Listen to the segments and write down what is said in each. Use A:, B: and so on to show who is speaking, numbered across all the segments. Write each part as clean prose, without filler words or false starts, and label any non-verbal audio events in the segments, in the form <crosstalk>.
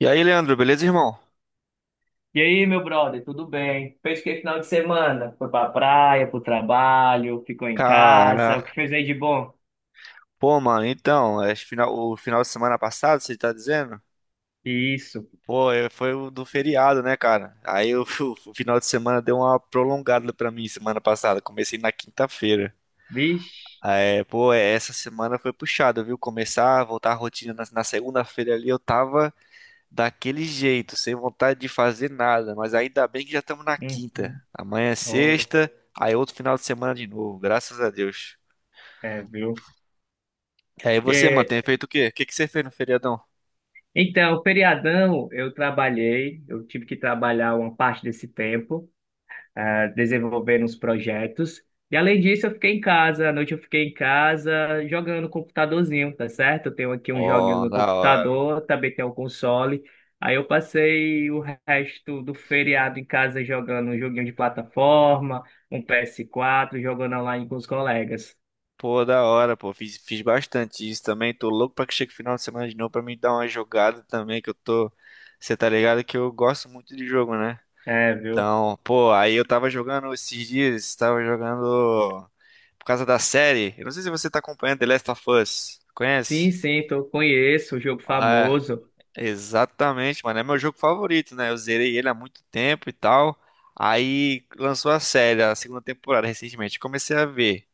A: E aí, Leandro, beleza, irmão?
B: E aí, meu brother, tudo bem? Fez o que final de semana? Foi pra praia, pro trabalho, ficou em casa,
A: Cara,
B: o que fez aí de bom?
A: pô, mano, então, é final, o final de semana passado, você tá dizendo?
B: Isso.
A: Pô, é, foi o do feriado, né, cara? <laughs> O final de semana deu uma prolongada pra mim semana passada. Comecei na quinta-feira.
B: Vixe.
A: Essa semana foi puxada, viu? Voltar à rotina na segunda-feira ali, eu tava daquele jeito, sem vontade de fazer nada. Mas ainda bem que já estamos na quinta.
B: Uhum.
A: Amanhã é
B: Ora,
A: sexta, aí outro final de semana de novo, graças a Deus.
B: é, viu?
A: E aí você, mano,
B: É,
A: tem feito o quê? O que que você fez no feriadão?
B: então, feriadão, eu trabalhei, eu tive que trabalhar uma parte desse tempo. Ah, desenvolvendo uns projetos. E além disso, eu fiquei em casa, à noite eu fiquei em casa jogando no computadorzinho, tá certo? Eu tenho aqui uns joguinhos
A: Pô,
B: no
A: da hora.
B: computador, também tenho um console. Aí eu passei o resto do feriado em casa jogando um joguinho de plataforma, um PS4 jogando online com os colegas.
A: Pô, da hora, pô. Fiz bastante isso também. Tô louco pra que chegue o final de semana de novo pra mim dar uma jogada também, que eu tô... Você tá ligado que eu gosto muito de jogo, né?
B: É, viu?
A: Então, pô, aí eu tava jogando esses dias, tava jogando por causa da série. Eu não sei se você tá acompanhando The Last of Us.
B: Sim,
A: Conhece?
B: sim, tô, conheço o jogo
A: É,
B: famoso.
A: Exatamente, mano. É meu jogo favorito, né? Eu zerei ele há muito tempo e tal. Aí lançou a série, a segunda temporada, recentemente. Comecei a ver.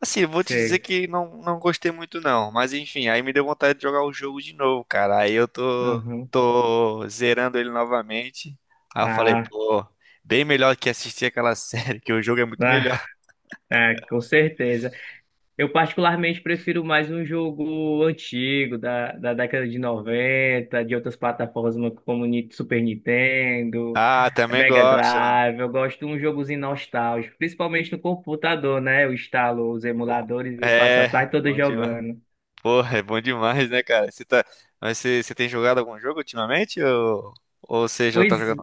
A: Assim, eu vou te dizer
B: Sei.
A: que não gostei muito, não. Mas enfim, aí me deu vontade de jogar o jogo de novo, cara. Aí eu tô,
B: Uhum.
A: tô zerando ele novamente. Aí eu falei,
B: Ah,
A: pô, bem melhor que assistir aquela <laughs> série, que o jogo é muito
B: ah,
A: melhor.
B: é, com certeza. Eu particularmente prefiro mais um jogo antigo, da década de 90, de outras plataformas como Super Nintendo,
A: Ah, também
B: Mega
A: gosto, mano.
B: Drive. Eu gosto de um jogozinho nostálgico, principalmente no computador, né? Eu instalo os
A: Pô,
B: emuladores e passo a
A: É,
B: tarde toda
A: bom demais.
B: jogando.
A: Porra, é bom demais, né, cara? Você tá... Mas você tem jogado algum jogo ultimamente? Ou você já tá
B: Pois
A: jogando?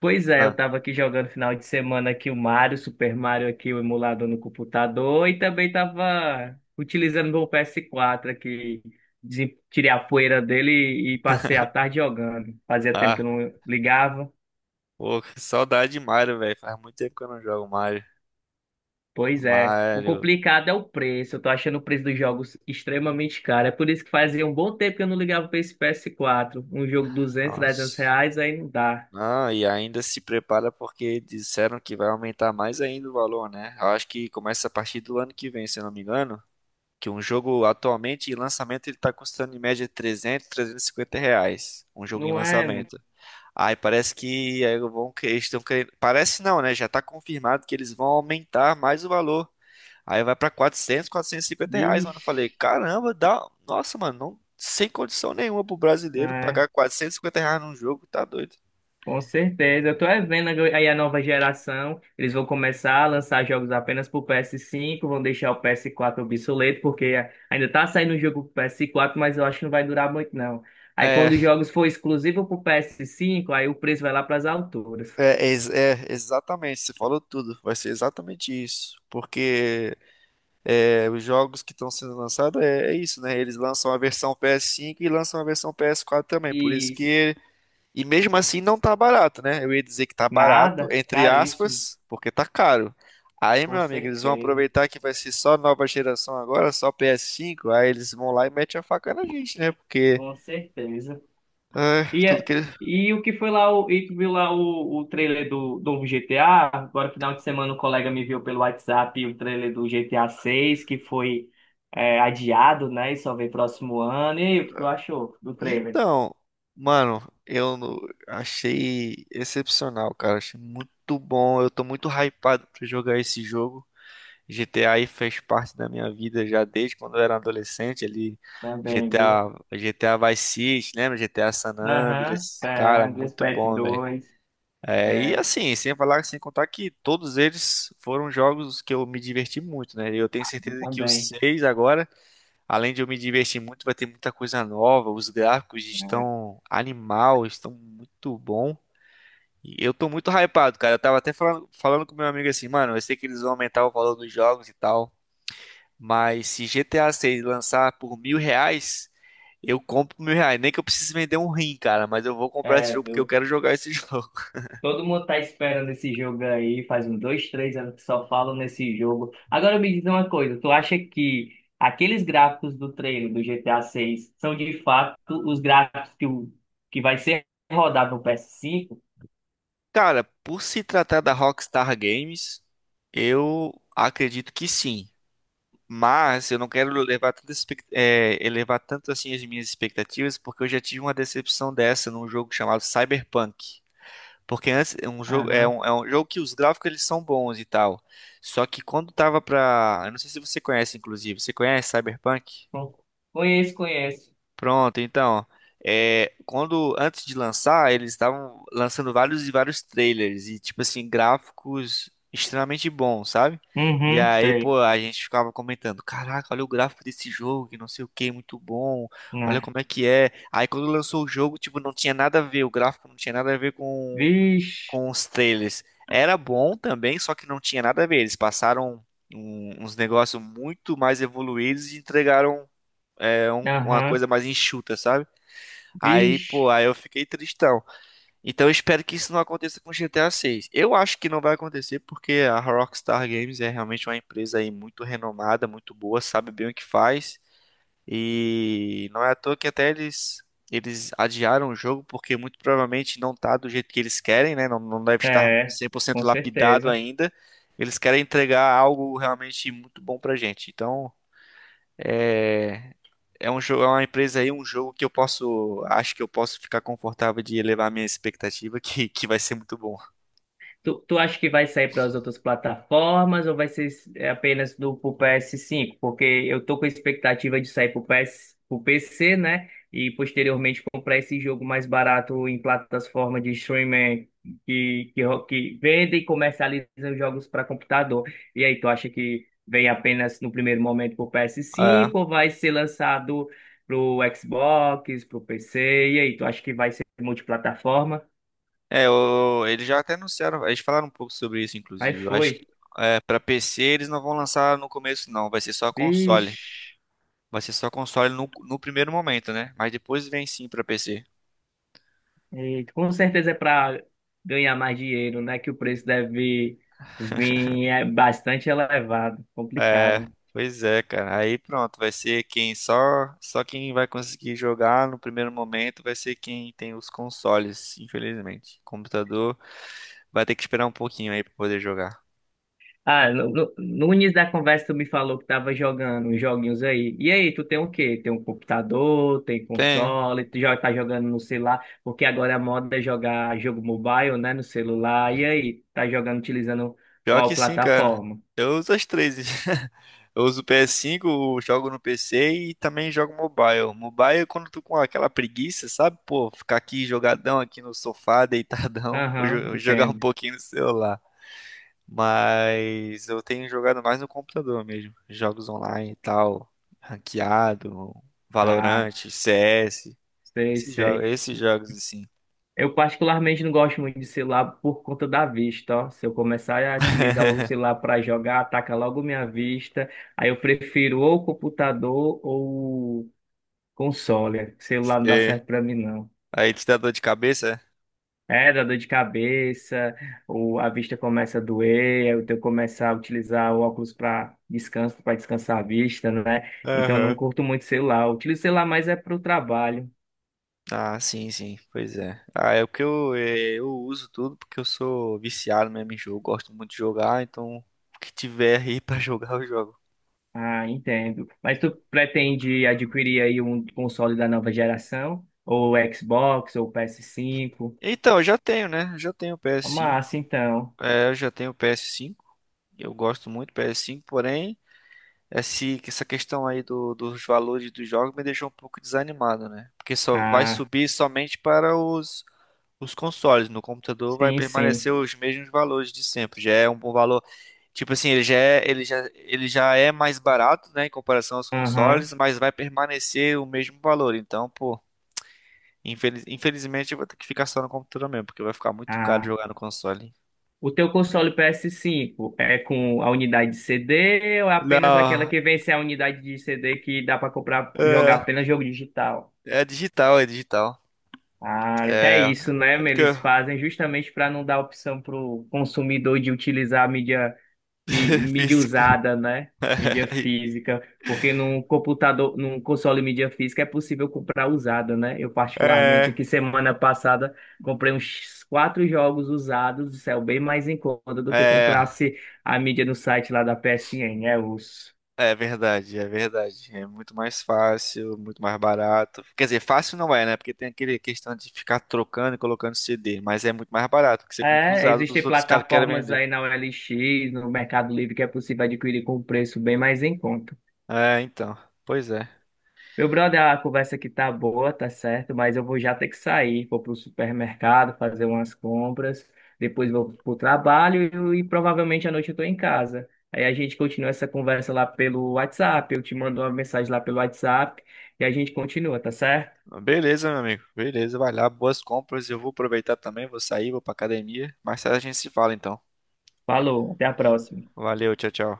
B: Pois é, eu
A: Ah,
B: tava aqui jogando final de semana aqui o Mario, Super Mario aqui, o emulador no computador, e também tava utilizando meu PS4 aqui, tirei a poeira dele e passei a tarde jogando. Fazia tempo que
A: ah,
B: eu não ligava.
A: pô, que saudade de Mario, velho. Faz muito tempo que eu não jogo Mario.
B: Pois é, o
A: Mario,
B: complicado é o preço, eu tô achando o preço dos jogos extremamente caro, é por isso que fazia um bom tempo que eu não ligava pra esse PS4. Um jogo duzentos trezentos
A: nossa.
B: reais, aí não dá.
A: Não, e ainda se prepara porque disseram que vai aumentar mais ainda o valor, né? Eu acho que começa a partir do ano que vem, se eu não me engano. Que um jogo atualmente em lançamento ele tá custando em média 300, 350 reais. Um jogo em
B: Não é, mano?
A: lançamento. Aí parece que eles estão querendo. Parece não, né? Já tá confirmado que eles vão aumentar mais o valor. Aí vai pra R$ 400, R$ 450, mano. Eu falei,
B: Vixe.
A: caramba, dá. Nossa, mano, sem condição nenhuma pro brasileiro
B: Não.
A: pagar R$ 450 num jogo, tá doido.
B: Com certeza. Eu tô é vendo aí a nova geração. Eles vão começar a lançar jogos apenas pro PS5, vão deixar o PS4 obsoleto, porque ainda tá saindo um jogo pro PS4, mas eu acho que não vai durar muito, não. Aí quando
A: É,
B: os jogos for exclusivo pro PS5, aí o preço vai lá pras alturas.
A: exatamente, você falou tudo. Vai ser exatamente isso. Porque é, os jogos que estão sendo lançados é isso, né? Eles lançam a versão PS5 e lançam a versão PS4 também. Por isso
B: Isso.
A: que... E mesmo assim não tá barato, né? Eu ia dizer que tá barato,
B: Nada,
A: entre
B: caríssimo.
A: aspas, porque tá caro. Aí,
B: Com
A: meu amigo, eles vão
B: certeza.
A: aproveitar que vai ser só nova geração agora, só PS5, aí eles vão lá e metem a faca na gente, né? Porque
B: Com certeza.
A: ah,
B: E,
A: tudo que eles...
B: e o que foi lá, e tu viu lá o trailer do GTA? Agora, final de semana, um colega me viu pelo WhatsApp o trailer do GTA 6 que foi adiado, né? E só vem próximo ano. E aí, o que tu achou do trailer?
A: Então, mano, eu no- achei excepcional, cara. Achei muito bom. Eu tô muito hypado pra jogar esse jogo. GTA aí fez parte da minha vida já desde quando eu era adolescente ali.
B: Também, viu?
A: GTA Vice City, lembra? GTA San
B: Aham,
A: Andreas. Cara,
B: é,
A: muito
B: Respect
A: bom, velho.
B: dois
A: É, e
B: é,
A: assim, sem falar, sem contar que todos eles foram jogos que eu me diverti muito, né? Eu tenho certeza que os
B: também.
A: seis agora, além de eu me divertir muito, vai ter muita coisa nova. Os gráficos
B: Né?
A: estão animal, estão muito bom. E eu tô muito hypado, cara. Eu tava até falando com meu amigo assim, mano, eu sei que eles vão aumentar o valor dos jogos e tal. Mas se GTA 6 lançar por R$ 1.000, eu compro por R$ 1.000. Nem que eu precise vender um rim, cara, mas eu vou comprar esse
B: É,
A: jogo porque eu quero jogar esse <laughs> jogo.
B: todo mundo tá esperando esse jogo aí, faz uns 2, 3 anos que só falam nesse jogo. Agora me diz uma coisa, tu acha que aqueles gráficos do trailer do GTA 6 são de fato os gráficos que, que vai ser rodado no PS5?
A: Cara, por se tratar da Rockstar Games, eu acredito que sim. Mas eu não quero levar tanto, elevar tanto assim as minhas expectativas, porque eu já tive uma decepção dessa num jogo chamado Cyberpunk. Porque antes
B: Aham.
A: é um jogo que os gráficos eles são bons e tal. Só que quando tava pra... Eu não sei se você conhece, inclusive. Você conhece Cyberpunk?
B: Bom. Conheço, conheço.
A: Pronto, então. É, quando antes de lançar, eles estavam lançando vários e vários trailers e tipo assim, gráficos extremamente bons, sabe? E
B: Uhum,
A: aí,
B: sei.
A: pô, a gente ficava comentando, caraca, olha o gráfico desse jogo, que não sei o que, muito bom. Olha
B: Ah.
A: como é que é. Aí quando lançou o jogo, tipo, não tinha nada a ver, o gráfico não tinha nada a ver com
B: Vixe.
A: com os trailers, era bom também, só que não tinha nada a ver. Eles passaram uns negócios muito mais evoluídos e entregaram uma
B: Aham.
A: coisa mais enxuta, sabe? Aí, pô,
B: Vixe.
A: aí eu fiquei tristão. Então eu espero que isso não aconteça com GTA 6. Eu acho que não vai acontecer porque a Rockstar Games é realmente uma empresa aí muito renomada, muito boa, sabe bem o que faz. E não é à toa que eles adiaram o jogo, porque muito provavelmente não tá do jeito que eles querem, né? Não deve estar
B: É,
A: 100%
B: com
A: lapidado
B: certeza.
A: ainda. Eles querem entregar algo realmente muito bom pra gente. Então, é, é um jogo, é uma empresa aí, um jogo que eu posso, acho que eu posso ficar confortável de elevar minha expectativa, <laughs> que vai ser muito bom.
B: Tu acha que vai sair para as outras plataformas ou vai ser apenas do pro PS5? Porque eu tô com a expectativa de sair pro PS, pro PC, né? E posteriormente comprar esse jogo mais barato em plataformas de streaming que vende e comercializa os jogos para computador. E aí, tu acha que vem apenas no primeiro momento pro
A: É,
B: PS5 ou vai ser lançado pro Xbox, pro PC? E aí, tu acha que vai ser multiplataforma?
A: eles já até anunciaram, eles falaram um pouco sobre isso,
B: Aí
A: inclusive. Eu acho que
B: foi.
A: é, para PC eles não vão lançar no começo, não, vai ser só console.
B: Vixe.
A: Vai ser só console no primeiro momento, né? Mas depois vem sim pra PC.
B: E com certeza é para ganhar mais dinheiro, né? Que o preço deve vir bastante elevado,
A: É,
B: complicado.
A: pois é, cara. Aí pronto, vai ser quem só quem vai conseguir jogar no primeiro momento vai ser quem tem os consoles, infelizmente. Computador vai ter que esperar um pouquinho aí pra poder jogar.
B: Ah, no início da conversa tu me falou que tava jogando uns joguinhos aí. E aí, tu tem o quê? Tem um computador, tem
A: Tem,
B: console, tu já tá jogando no celular, porque agora a moda é jogar jogo mobile, né? No celular. E aí, tá jogando utilizando
A: Pior que
B: qual
A: sim, cara.
B: plataforma?
A: Eu uso as três. <laughs> Eu uso o PS5, jogo no PC e também jogo mobile. Mobile, é quando tu com aquela preguiça, sabe? Pô, ficar aqui jogadão aqui no sofá, deitadão, <laughs>
B: Aham,
A: jogar um
B: entendo.
A: pouquinho no celular. Mas eu tenho jogado mais no computador mesmo. Jogos online e tal, ranqueado,
B: Ah,
A: Valorant, CS,
B: sei, sei.
A: esses jogos assim.
B: Eu particularmente não gosto muito de celular por conta da vista, ó. Se eu começar a utilizar o
A: <laughs>
B: celular para jogar, ataca logo minha vista. Aí eu prefiro ou o computador ou o console. Celular não dá
A: É.
B: certo para mim, não.
A: Aí te dá dor de cabeça?
B: É, dá dor de cabeça, ou a vista começa a doer, aí eu tenho que começar a utilizar o óculos para descanso, para descansar a vista, né?
A: É?
B: Então eu não
A: Aham.
B: curto muito celular. Eu utilizo celular mais é para o trabalho.
A: Ah, sim, pois é. Eu uso tudo porque eu sou viciado mesmo em jogo, gosto muito de jogar, então o que tiver aí <laughs> pra jogar eu jogo.
B: Ah, entendo. Mas tu pretende adquirir aí um console da nova geração? Ou Xbox, ou PS5?
A: Então, eu já tenho, né? Eu já tenho o PS5,
B: Massa, então.
A: é, eu já tenho o PS5, eu gosto muito do PS5, porém, essa questão aí dos valores dos jogos me deixou um pouco desanimado, né? Porque só vai
B: Ah,
A: subir somente para os consoles. No computador vai
B: sim, sim.
A: permanecer os mesmos valores de sempre. Já é um bom valor. Tipo assim, ele já é mais barato, né, em comparação aos
B: Aham.
A: consoles, mas vai permanecer o mesmo valor. Então, pô, infelizmente eu vou ter que ficar só no computador mesmo, porque vai ficar muito caro
B: Ah,
A: jogar no console.
B: o teu console PS5 é com a unidade de CD ou é apenas aquela
A: Não,
B: que vem sem a unidade de CD que dá para comprar, jogar
A: é,
B: apenas jogo digital?
A: é digital, é digital.
B: Ah, até
A: É,
B: isso, né?
A: é porque
B: Eles
A: eu...
B: fazem justamente para não dar opção para o consumidor de utilizar a mídia,
A: <laughs>
B: mídia
A: física.
B: usada, né?
A: <laughs>
B: Mídia física, porque num computador, num console mídia física é possível comprar usada, né? Eu particularmente
A: É,
B: aqui semana passada comprei uns quatro jogos usados, isso é bem mais em conta do que
A: É.
B: comprasse a mídia no site lá da PSN,
A: É verdade. É muito mais fácil, muito mais barato. Quer dizer, fácil não é, né? Porque tem aquele questão de ficar trocando e colocando CD, mas é muito mais barato, porque você compra usado dos
B: existem
A: outros caras que querem
B: plataformas
A: vender.
B: aí na OLX, no Mercado Livre, que é possível adquirir com preço bem mais em conta.
A: É, então. Pois é.
B: Meu brother, a conversa aqui tá boa, tá certo, mas eu vou já ter que sair, vou pro supermercado fazer umas compras, depois vou pro trabalho e, provavelmente à noite eu tô em casa. Aí a gente continua essa conversa lá pelo WhatsApp, eu te mando uma mensagem lá pelo WhatsApp e a gente continua, tá certo?
A: Beleza, meu amigo. Beleza, vai lá, boas compras. Eu vou aproveitar também, vou sair, vou pra academia. Mais tarde a gente se fala, então.
B: Falou, até a próxima.
A: Valeu, tchau, tchau.